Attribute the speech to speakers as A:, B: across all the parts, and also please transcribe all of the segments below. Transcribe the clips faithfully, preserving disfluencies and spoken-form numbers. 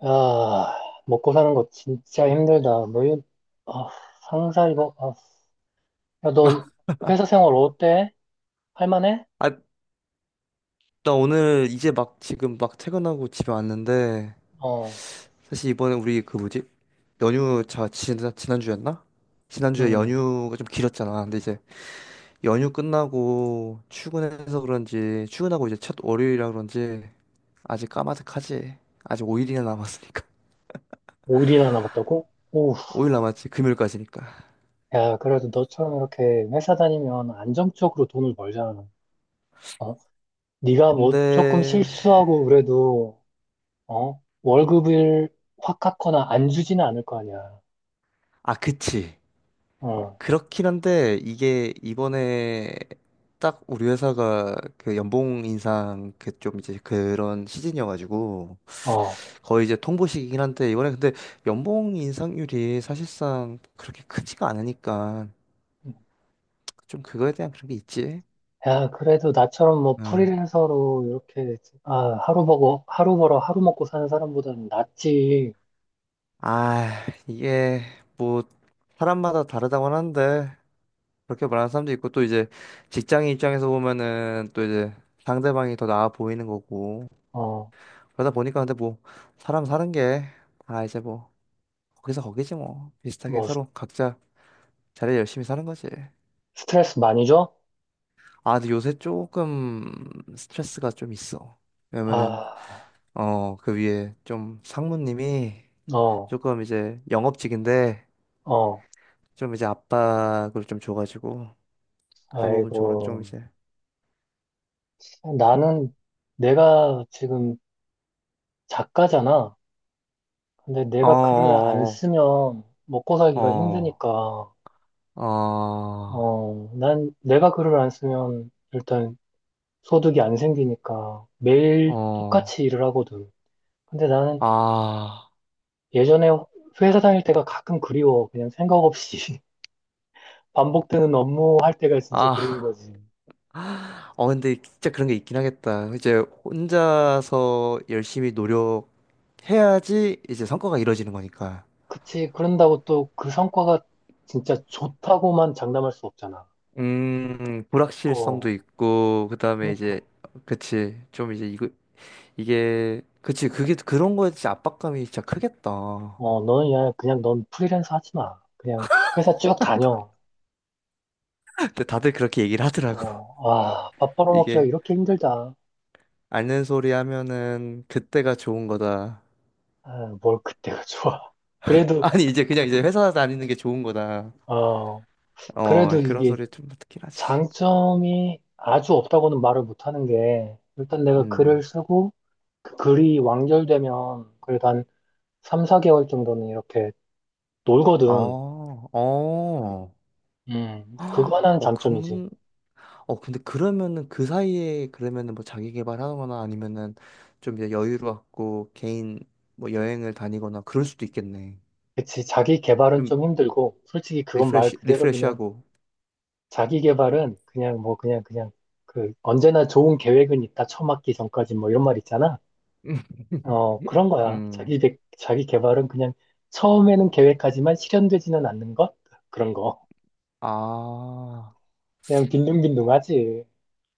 A: 아, 먹고 사는 거 진짜 힘들다. 뭐, 이- 아, 상사 이거, 아, 야, 너
B: 아,
A: 회사 생활 어때? 할만해?
B: 아, 나 오늘 이제 막 지금 막 퇴근하고 집에 왔는데
A: 어,
B: 사실 이번에 우리 그 뭐지? 연휴 자 지난 지난주였나? 지난주에
A: 음,
B: 연휴가 좀 길었잖아. 근데 이제 연휴 끝나고 출근해서 그런지 출근하고 이제 첫 월요일이라 그런지 아직 까마득하지. 아직 오 일이나 남았으니까.
A: 오 일이나 남았다고? 오,
B: 오 일 남았지. 금요일까지니까.
A: 야, 그래도 너처럼 이렇게 회사 다니면 안정적으로 돈을 벌잖아. 어, 네가
B: 근데
A: 뭐 조금 실수하고 그래도, 어, 월급을 확 깎거나 안 주지는 않을 거 아니야.
B: 아, 그치.
A: 어,
B: 그렇긴 한데 이게 이번에 딱 우리 회사가 그 연봉 인상 그 좀 이제 그런 시즌이어가지고
A: 어.
B: 거의 이제 통보식이긴 한데 이번에 근데 연봉 인상률이 사실상 그렇게 크지가 않으니까 좀 그거에 대한 그런 게 있지.
A: 야, 그래도 나처럼 뭐
B: 응.
A: 프리랜서로 이렇게, 아, 하루 벌고, 하루 벌어 하루 먹고 사는 사람보다는 낫지.
B: 아, 이게 뭐 사람마다 다르다고 하는데 그렇게 말하는 사람도 있고 또 이제 직장인 입장에서 보면은 또 이제 상대방이 더 나아 보이는 거고,
A: 어,
B: 그러다 보니까 근데 뭐 사람 사는 게, 아 이제 뭐 거기서 거기지. 뭐 비슷하게
A: 뭐, 스-
B: 서로 각자 자리 열심히 사는 거지.
A: 스트레스 많이 줘?
B: 아, 근데 요새 조금 스트레스가 좀 있어. 왜냐면은
A: 아,
B: 어, 그 위에 좀 상무님이
A: 어,
B: 조금 이제 영업직인데
A: 어,
B: 좀 이제 압박을 좀 줘가지고 그런 부분 쪽으로 좀
A: 아이고.
B: 이제.
A: 나는 내가 지금 작가잖아. 근데 내가 글을 안
B: 어어어어어어아
A: 쓰면 먹고 살기가 힘드니까,
B: 아.
A: 어, 난 내가 글을 안 쓰면 일단 소득이 안 생기니까 매일 똑같이 일을 하거든. 근데 나는 예전에 회사 다닐 때가 가끔 그리워. 그냥 생각 없이 반복되는 업무 할 때가 진짜 그리운
B: 아.
A: 거지.
B: 어, 근데 진짜 그런 게 있긴 하겠다. 이제 혼자서 열심히 노력해야지 이제 성과가 이루어지는 거니까.
A: 그치. 그런다고 또 그 성과가 진짜 좋다고만 장담할 수 없잖아.
B: 음,
A: 어,
B: 불확실성도 있고, 그 다음에
A: 그니까.
B: 이제, 그치. 좀 이제 이거, 이게, 그치. 그게 그런 거에 진짜 압박감이 진짜 크겠다.
A: 어, 너는 그냥, 그냥 넌 프리랜서 하지 마. 그냥 회사 쭉 다녀.
B: 근데 다들 그렇게 얘기를 하더라고.
A: 어, 아, 밥 벌어먹기가
B: 이게,
A: 이렇게 힘들다.
B: 아는 소리 하면은 그때가 좋은 거다.
A: 아, 뭘 그때가 좋아. 그래도,
B: 아니, 이제 그냥 이제 회사 다니는 게 좋은 거다.
A: 어,
B: 어,
A: 그래도
B: 그런
A: 이게
B: 소리 좀 듣긴 하지.
A: 장점이 아주 없다고는 말을 못하는 게, 일단 내가
B: 음.
A: 글을 쓰고, 그 글이 완결되면 그래도 한 삼, 사 개월 정도는 이렇게
B: 아.
A: 놀거든.
B: 어.
A: 음, 그거
B: 헉,
A: 하나는
B: 어,
A: 장점이지.
B: 그, 어, 근데 그러면은 그 사이에 그러면은 뭐 자기 개발하거나 아니면은 좀 이제 여유롭고 개인 뭐 여행을 다니거나 그럴 수도 있겠네.
A: 그치, 자기 개발은
B: 좀
A: 좀 힘들고, 솔직히 그건 말
B: 리프레시,
A: 그대로 그냥,
B: 리프레시하고.
A: 자기 개발은 그냥 뭐, 그냥, 그냥, 그, 언제나 좋은 계획은 있다, 처 맞기 전까지 뭐 이런 말 있잖아. 어, 그런 거야.
B: 음,
A: 자기, 개- 자기 개발은 그냥 처음에는 계획하지만 실현되지는 않는 것? 그런 거.
B: 아.
A: 그냥 빈둥빈둥하지.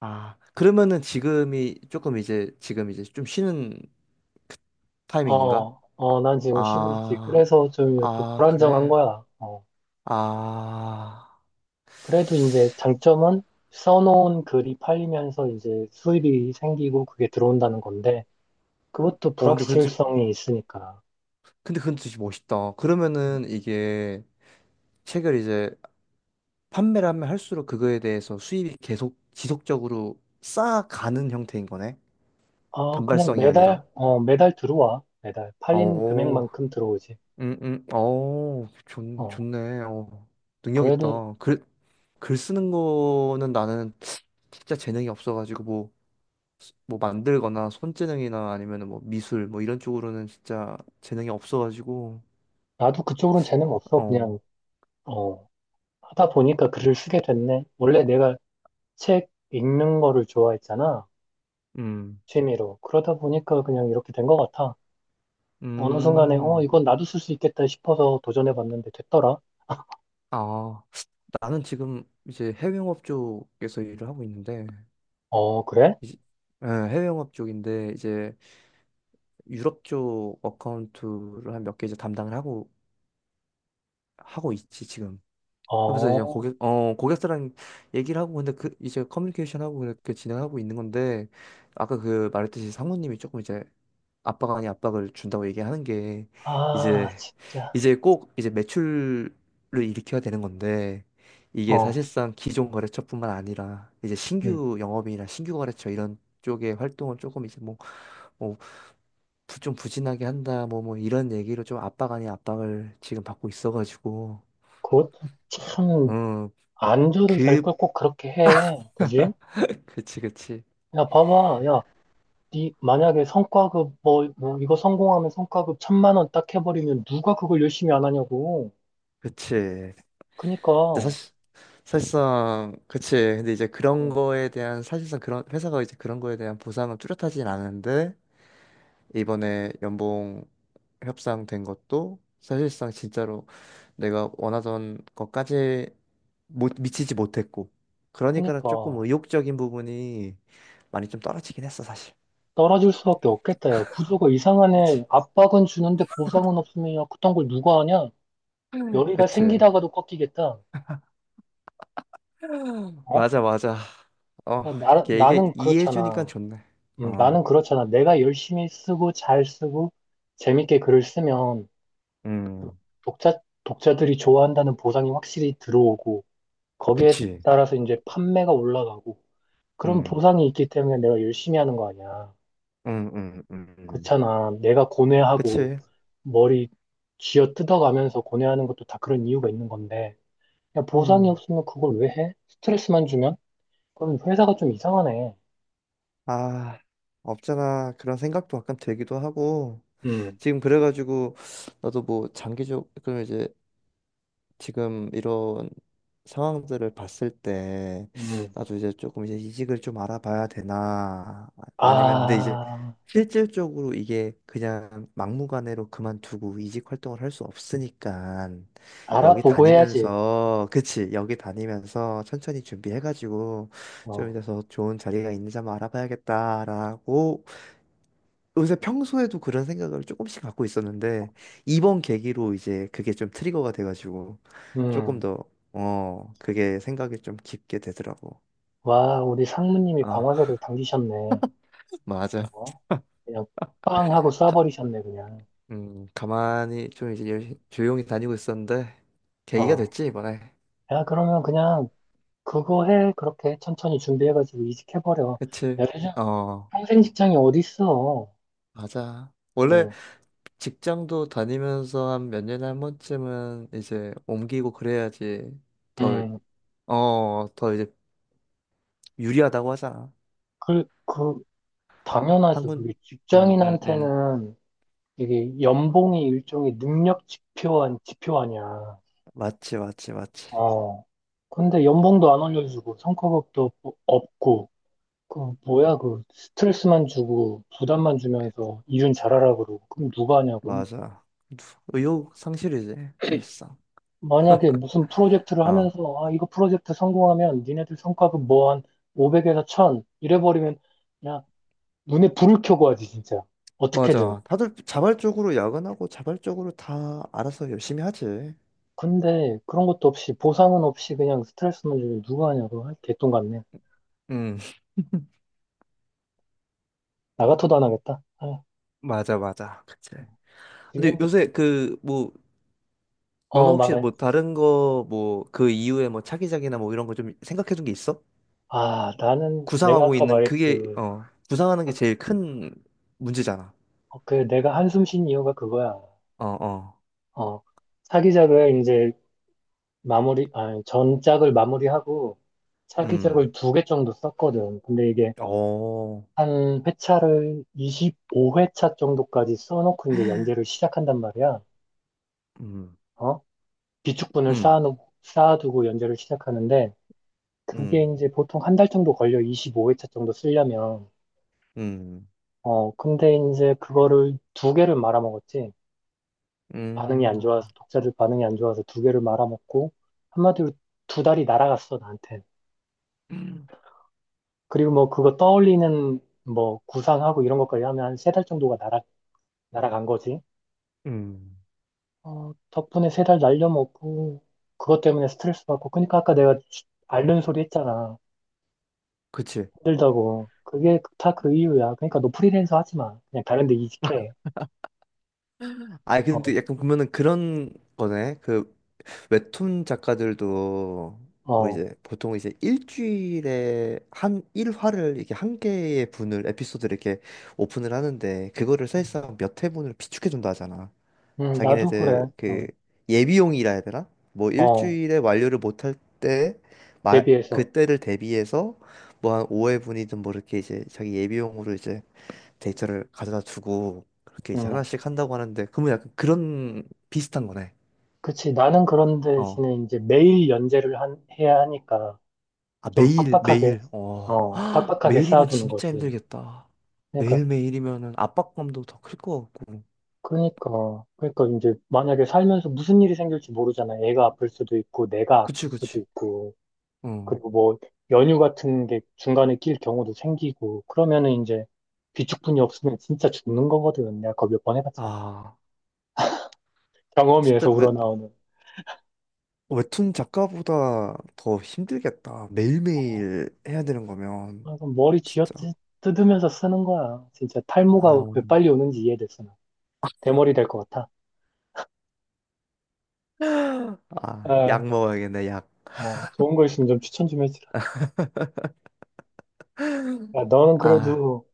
B: 아, 그러면은 지금이 조금 이제 지금 이제 좀 쉬는 타이밍인가?
A: 어, 어, 난 지금 쉬고 있지.
B: 아.
A: 그래서 좀 이렇게
B: 아,
A: 불안정한
B: 그래.
A: 거야. 어.
B: 아,
A: 그래도 이제 장점은 써놓은 글이 팔리면서 이제 수입이 생기고 그게 들어온다는 건데 그것도
B: 어, 근데 근데
A: 불확실성이 있으니까.
B: 근데 그건 진짜 멋있다. 그러면은 이게 책을 이제 판매를 하면 할수록 그거에 대해서 수입이 계속 지속적으로 쌓아가는 형태인 거네.
A: 아, 그냥
B: 단발성이 아니라.
A: 매달, 어, 매달 들어와. 매달. 팔린
B: 오.
A: 금액만큼 들어오지.
B: 음, 음, 어, 좋,
A: 어,
B: 좋네. 어, 능력
A: 그래도
B: 있다. 글, 글 쓰는 거는 나는 진짜 재능이 없어가지고 뭐, 뭐 만들거나 손재능이나 아니면 뭐 미술 뭐 이런 쪽으로는 진짜 재능이 없어가지고.
A: 나도 그쪽으로는 재능 없어. 그냥,
B: 어,
A: 어, 하다 보니까 글을 쓰게 됐네. 원래 내가 책 읽는 거를 좋아했잖아.
B: 음,
A: 취미로. 그러다 보니까 그냥 이렇게 된 것 같아. 어느 순간에, 어,
B: 음,
A: 이건 나도 쓸 수 있겠다 싶어서 도전해 봤는데 됐더라.
B: 아, 나는 지금 이제 해외 영업 쪽에서 일을 하고 있는데.
A: 어, 그래?
B: 이제- 예, 해외 영업 쪽인데 이제 유럽 쪽 어카운트를 한 몇 개 이제 담당을 하고 하고 있지 지금. 그러면서 이제
A: 어,
B: 고객 어 고객사랑 얘기를 하고 근데 그 이제 커뮤니케이션 하고 그렇게 진행하고 있는 건데 아까 그 말했듯이 상무님이 조금 이제 압박 아니 압박을 준다고 얘기하는 게
A: 아,
B: 이제
A: 진짜.
B: 이제 꼭 이제 매출을 일으켜야 되는 건데 이게
A: 어,
B: 사실상 기존 거래처뿐만 아니라 이제
A: 음.
B: 신규 영업이나 신규 거래처 이런 쪽의 활동은 조금 이제 뭐, 뭐 부- 좀 부진하게 한다 뭐 뭐 이런 얘기로 좀 압박 아닌 압박을 지금 받고 있어가지고.
A: 그것도 참,
B: 어그.
A: 안 줘도 될걸 꼭 그렇게 해. 그지?
B: 그치 그치
A: 야, 봐봐. 야, 니, 만약에 성과급, 뭐, 뭐, 이거 성공하면 성과급 천만 원 딱 해버리면 누가 그걸 열심히 안 하냐고.
B: 그치.
A: 그니까,
B: 근데
A: 어,
B: 사실, 사실상 그치, 근데 이제 그런 거에 대한 사실상 그런 회사가 이제 그런 거에 대한 보상은 뚜렷하진 않은데 이번에 연봉 협상된 것도 사실상 진짜로 내가 원하던 것까지 못 미치지 못했고 그러니까는 조금
A: 그니까.
B: 의욕적인 부분이 많이 좀 떨어지긴 했어 사실.
A: 떨어질 수밖에 없겠다, 야. 구조가 이상하네.
B: 그치.
A: 압박은 주는데 보상은 없으면, 야, 그딴 걸 누가 하냐? 열의가
B: 그치.
A: 생기다가도 꺾이겠다. 어?
B: 맞아, 맞아. 어,
A: 야, 나,
B: 이게 이게
A: 나는
B: 이해해주니까
A: 그렇잖아.
B: 좋네.
A: 음,
B: 어,
A: 나는 그렇잖아. 내가 열심히 쓰고 잘 쓰고 재밌게 글을 쓰면 그
B: 음,
A: 독자, 독자들이 좋아한다는 보상이 확실히 들어오고 거기에
B: 그치.
A: 따라서 이제 판매가 올라가고 그런
B: 음,
A: 보상이 있기 때문에 내가 열심히 하는 거 아니야.
B: 음, 음, 음, 음.
A: 그렇잖아. 내가 고뇌하고
B: 그치.
A: 머리 쥐어 뜯어가면서 고뇌하는 것도 다 그런 이유가 있는 건데 야, 보상이
B: 음,
A: 없으면 그걸 왜 해? 스트레스만 주면? 그럼 회사가 좀 이상하네.
B: 아, 없잖아. 그런 생각도 약간 들기도 하고.
A: 음,
B: 지금 그래가지고, 나도 뭐, 장기적, 그럼 이제 지금 이런 상황들을 봤을 때
A: 음.
B: 나도 이제 조금 이제 이직을 좀 알아봐야 되나, 아- 아니면 근데 이제
A: 아,
B: 실질적으로 이게 그냥 막무가내로 그만두고 이직 활동을 할 수 없으니까 여기
A: 알아보고 해야지.
B: 다니면서, 그치, 여기 다니면서 천천히 준비해가지고 좀
A: 어.
B: 이제 더 좋은 자리가 있는지 한번 알아봐야겠다라고 요새 평소에도 그런 생각을 조금씩 갖고 있었는데 이번 계기로 이제 그게 좀 트리거가 돼가지고 조금
A: 음,
B: 더 어, 그게 생각이 좀 깊게 되더라고.
A: 와, 우리 상무님이
B: 아,
A: 방아쇠를 당기셨네.
B: 맞아.
A: 어? 그냥 빵 하고
B: 가,
A: 쏴버리셨네, 그냥.
B: 음, 가만히 좀 이제 열- 조용히 다니고 있었는데 계기가
A: 어.
B: 됐지, 이번에.
A: 야, 그러면 그냥 그거 해. 그렇게 천천히 준비해가지고 이직해버려. 야,
B: 그치?
A: 요즘
B: 어,
A: 평생 직장이 어딨어.
B: 맞아. 원래
A: 음,
B: 직장도 다니면서 한 몇 년에 한 번쯤은 이제 옮기고 그래야지 더,
A: 음.
B: 어, 더 이제 유리하다고 하잖아.
A: 그, 그, 당연하지. 그게
B: 한군, 음, 음, 음.
A: 직장인한테는 이게 연봉이 일종의 능력 지표 한 지표 아니야.
B: 맞지, 맞지, 맞지.
A: 어. 근데 연봉도 안 올려주고, 성과급도 없고, 그 뭐야 그 스트레스만 주고 부담만 주면서 이윤 잘하라 그러고 그럼 누가 하냐고.
B: 맞아. 의욕 상실이지, 사실상.
A: 만약에 무슨 프로젝트를
B: 아,
A: 하면서 아 이거 프로젝트 성공하면 니네들 성과급 뭐 한 오백에서 천 이래버리면 그냥 눈에 불을 켜고 하지 진짜 어떻게든
B: 맞아. 다들 자발적으로 야근하고 자발적으로 다 알아서 열심히 하지.
A: 근데 그런 것도 없이 보상은 없이 그냥 스트레스만 주면 누가 하냐고. 아, 개똥 같네.
B: 음,
A: 나 같아도 안 하겠다. 아,
B: 맞아, 맞아. 그치. 근데
A: 지금부터
B: 요새 그, 뭐, 너는
A: 어
B: 혹시
A: 말해.
B: 뭐 다른 거, 뭐, 그 이후에 뭐 차기작이나 뭐 이런 거 좀 생각해 둔 게 있어?
A: 아 나는 내가
B: 구상하고
A: 아까
B: 있는 그게,
A: 말했지.
B: 어, 구상하는 게
A: 아, 그,
B: 제일 큰 문제잖아.
A: 어, 그 내가 한숨 쉰 이유가 그거야.
B: 어, 어.
A: 어, 사기작을 이제 마무리, 아니, 전작을 마무리하고
B: 음.
A: 사기작을 두 개 정도 썼거든. 근데 이게
B: 어.
A: 한 회차를 이십오 회차 정도까지 써놓고 이제 연재를 시작한단 말이야.
B: 음,
A: 어? 비축분을 쌓
B: 음,
A: 아놓 쌓아두고 연재를 시작하는데 그게
B: 음.
A: 이제 보통 한 달 정도 걸려. 이십오 회차 정도 쓰려면.
B: 음.
A: 어, 근데 이제 그거를 두 개를 말아먹었지. 반응이 안
B: 음.
A: 좋아서, 독자들 반응이 안 좋아서 두 개를 말아먹고 한마디로 두 달이 날아갔어, 나한테. 그리고 뭐 그거 떠올리는 뭐 구상하고 이런 것까지 하면 한 세 달 정도가 날아, 날아간 거지.
B: 음,
A: 어, 덕분에 세 달 날려먹고 그것 때문에 스트레스 받고 그러니까 아까 내가 앓는 소리 했잖아.
B: 그치.
A: 힘들다고. 그게 다 그 이유야. 그러니까 너 프리랜서 하지 마. 그냥 다른 데 이직해.
B: 아, 근데
A: 어,
B: 약간 보면은 그런 거네. 그 웹툰 작가들도 뭐
A: 어.
B: 이제 보통 이제 일주일에 한 일화를 이렇게 한 개의 분을 에피소드를 이렇게 오픈을 하는데 그거를 사실상 몇 회분을 비축해준다 하잖아.
A: 음, 나도
B: 자기네들
A: 그래.
B: 그
A: 어,
B: 예비용이라 해야 되나? 뭐
A: 어,
B: 일주일에 완료를 못할 때 마,
A: 대비해서.
B: 그때를 대비해서 뭐 한 오 회분이든 뭐 이렇게 이제 자기 예비용으로 이제 데이터를 가져다 주고 그렇게 이제
A: 음.
B: 하나씩 한다고 하는데 그러면 약간 그런 비슷한 거네.
A: 그치. 나는 그런
B: 어.
A: 대신에 이제 매일 연재를 한, 해야 하니까
B: 아,
A: 좀
B: 매일
A: 빡빡하게,
B: 매일. 어.
A: 어, 빡빡하게
B: 매일이면
A: 쌓아두는
B: 진짜
A: 거지.
B: 힘들겠다.
A: 그러니까
B: 매일매일이면은 압박감도 더 클 것 같고.
A: 그러니까, 그러니까 이제 만약에 살면서 무슨 일이 생길지 모르잖아. 애가 아플 수도 있고, 내가 아플
B: 그치
A: 수도
B: 그치.
A: 있고,
B: 어.
A: 그리고 뭐 연휴 같은 게 중간에 낄 경우도 생기고, 그러면은 이제 비축분이 없으면 진짜 죽는 거거든. 내가 그거 몇 번 해봤잖아.
B: 아, 진짜
A: 경험에서
B: 웹
A: 우러나오는.
B: 웹툰 작가보다 더 힘들겠다.
A: 아,
B: 매일매일 해야 되는 거면
A: 그럼 머리 쥐어
B: 진짜.
A: 뜯- 뜯으면서 쓰는 거야. 진짜
B: 아,
A: 탈모가 왜 빨리 오는지 이해됐어. 나. 대머리 될 것 같아.
B: 아,
A: 아,
B: 약 먹어야겠네, 약.
A: 어, 좋은 거 있으면 좀 추천 좀 해주라. 야, 너는
B: 아,
A: 그래도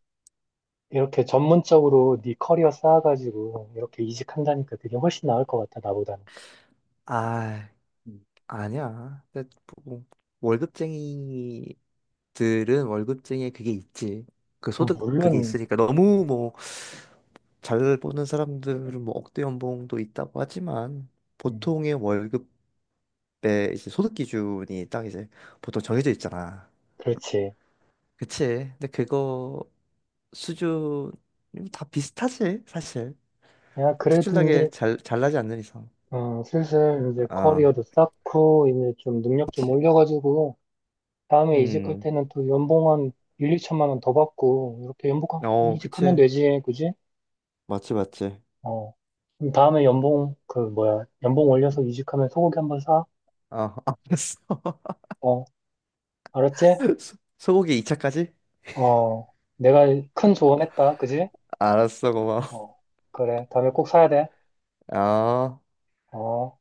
A: 이렇게 전문적으로 네 커리어 쌓아가지고 이렇게 이직한다니까 그게 훨씬 나을 것 같아, 나보다는.
B: 아.
A: 음.
B: 아니야. 근데 뭐, 뭐 월급쟁이들은 월급쟁이에 그게 있지. 그
A: 음,
B: 소득 그게
A: 물론,
B: 있으니까 너무 뭐 잘 버는 사람들은 뭐 억대 연봉도 있다고 하지만
A: 음,
B: 보통의 월급의 이제 소득 기준이 딱 이제 보통 정해져 있잖아.
A: 그렇지.
B: 그치? 근데 그거 수준 다 비슷하지 사실.
A: 야, 그래도
B: 특출나게
A: 이제,
B: 잘 잘나지 않는 이상.
A: 어, 슬슬 이제
B: 아,
A: 커리어도 쌓고, 이제 좀 능력 좀 올려가지고, 다음에 이직할
B: 음,
A: 때는 또 연봉 한 일, 이천만 원 더 받고, 이렇게 연봉,
B: 어,
A: 이직하면
B: 그치.
A: 되지, 그지?
B: 맞지 맞지.
A: 어. 그럼 다음에 연봉, 그, 뭐야, 연봉 올려서 이직하면 소고기 한 번 사?
B: 아, 알았어.
A: 어, 알았지?
B: 소- 소고기 이 차까지?
A: 어, 내가 큰 조언했다, 그지?
B: 알았어, 고마워.
A: 어, 그래. 다음에 꼭 사야 돼.
B: 아.
A: 어.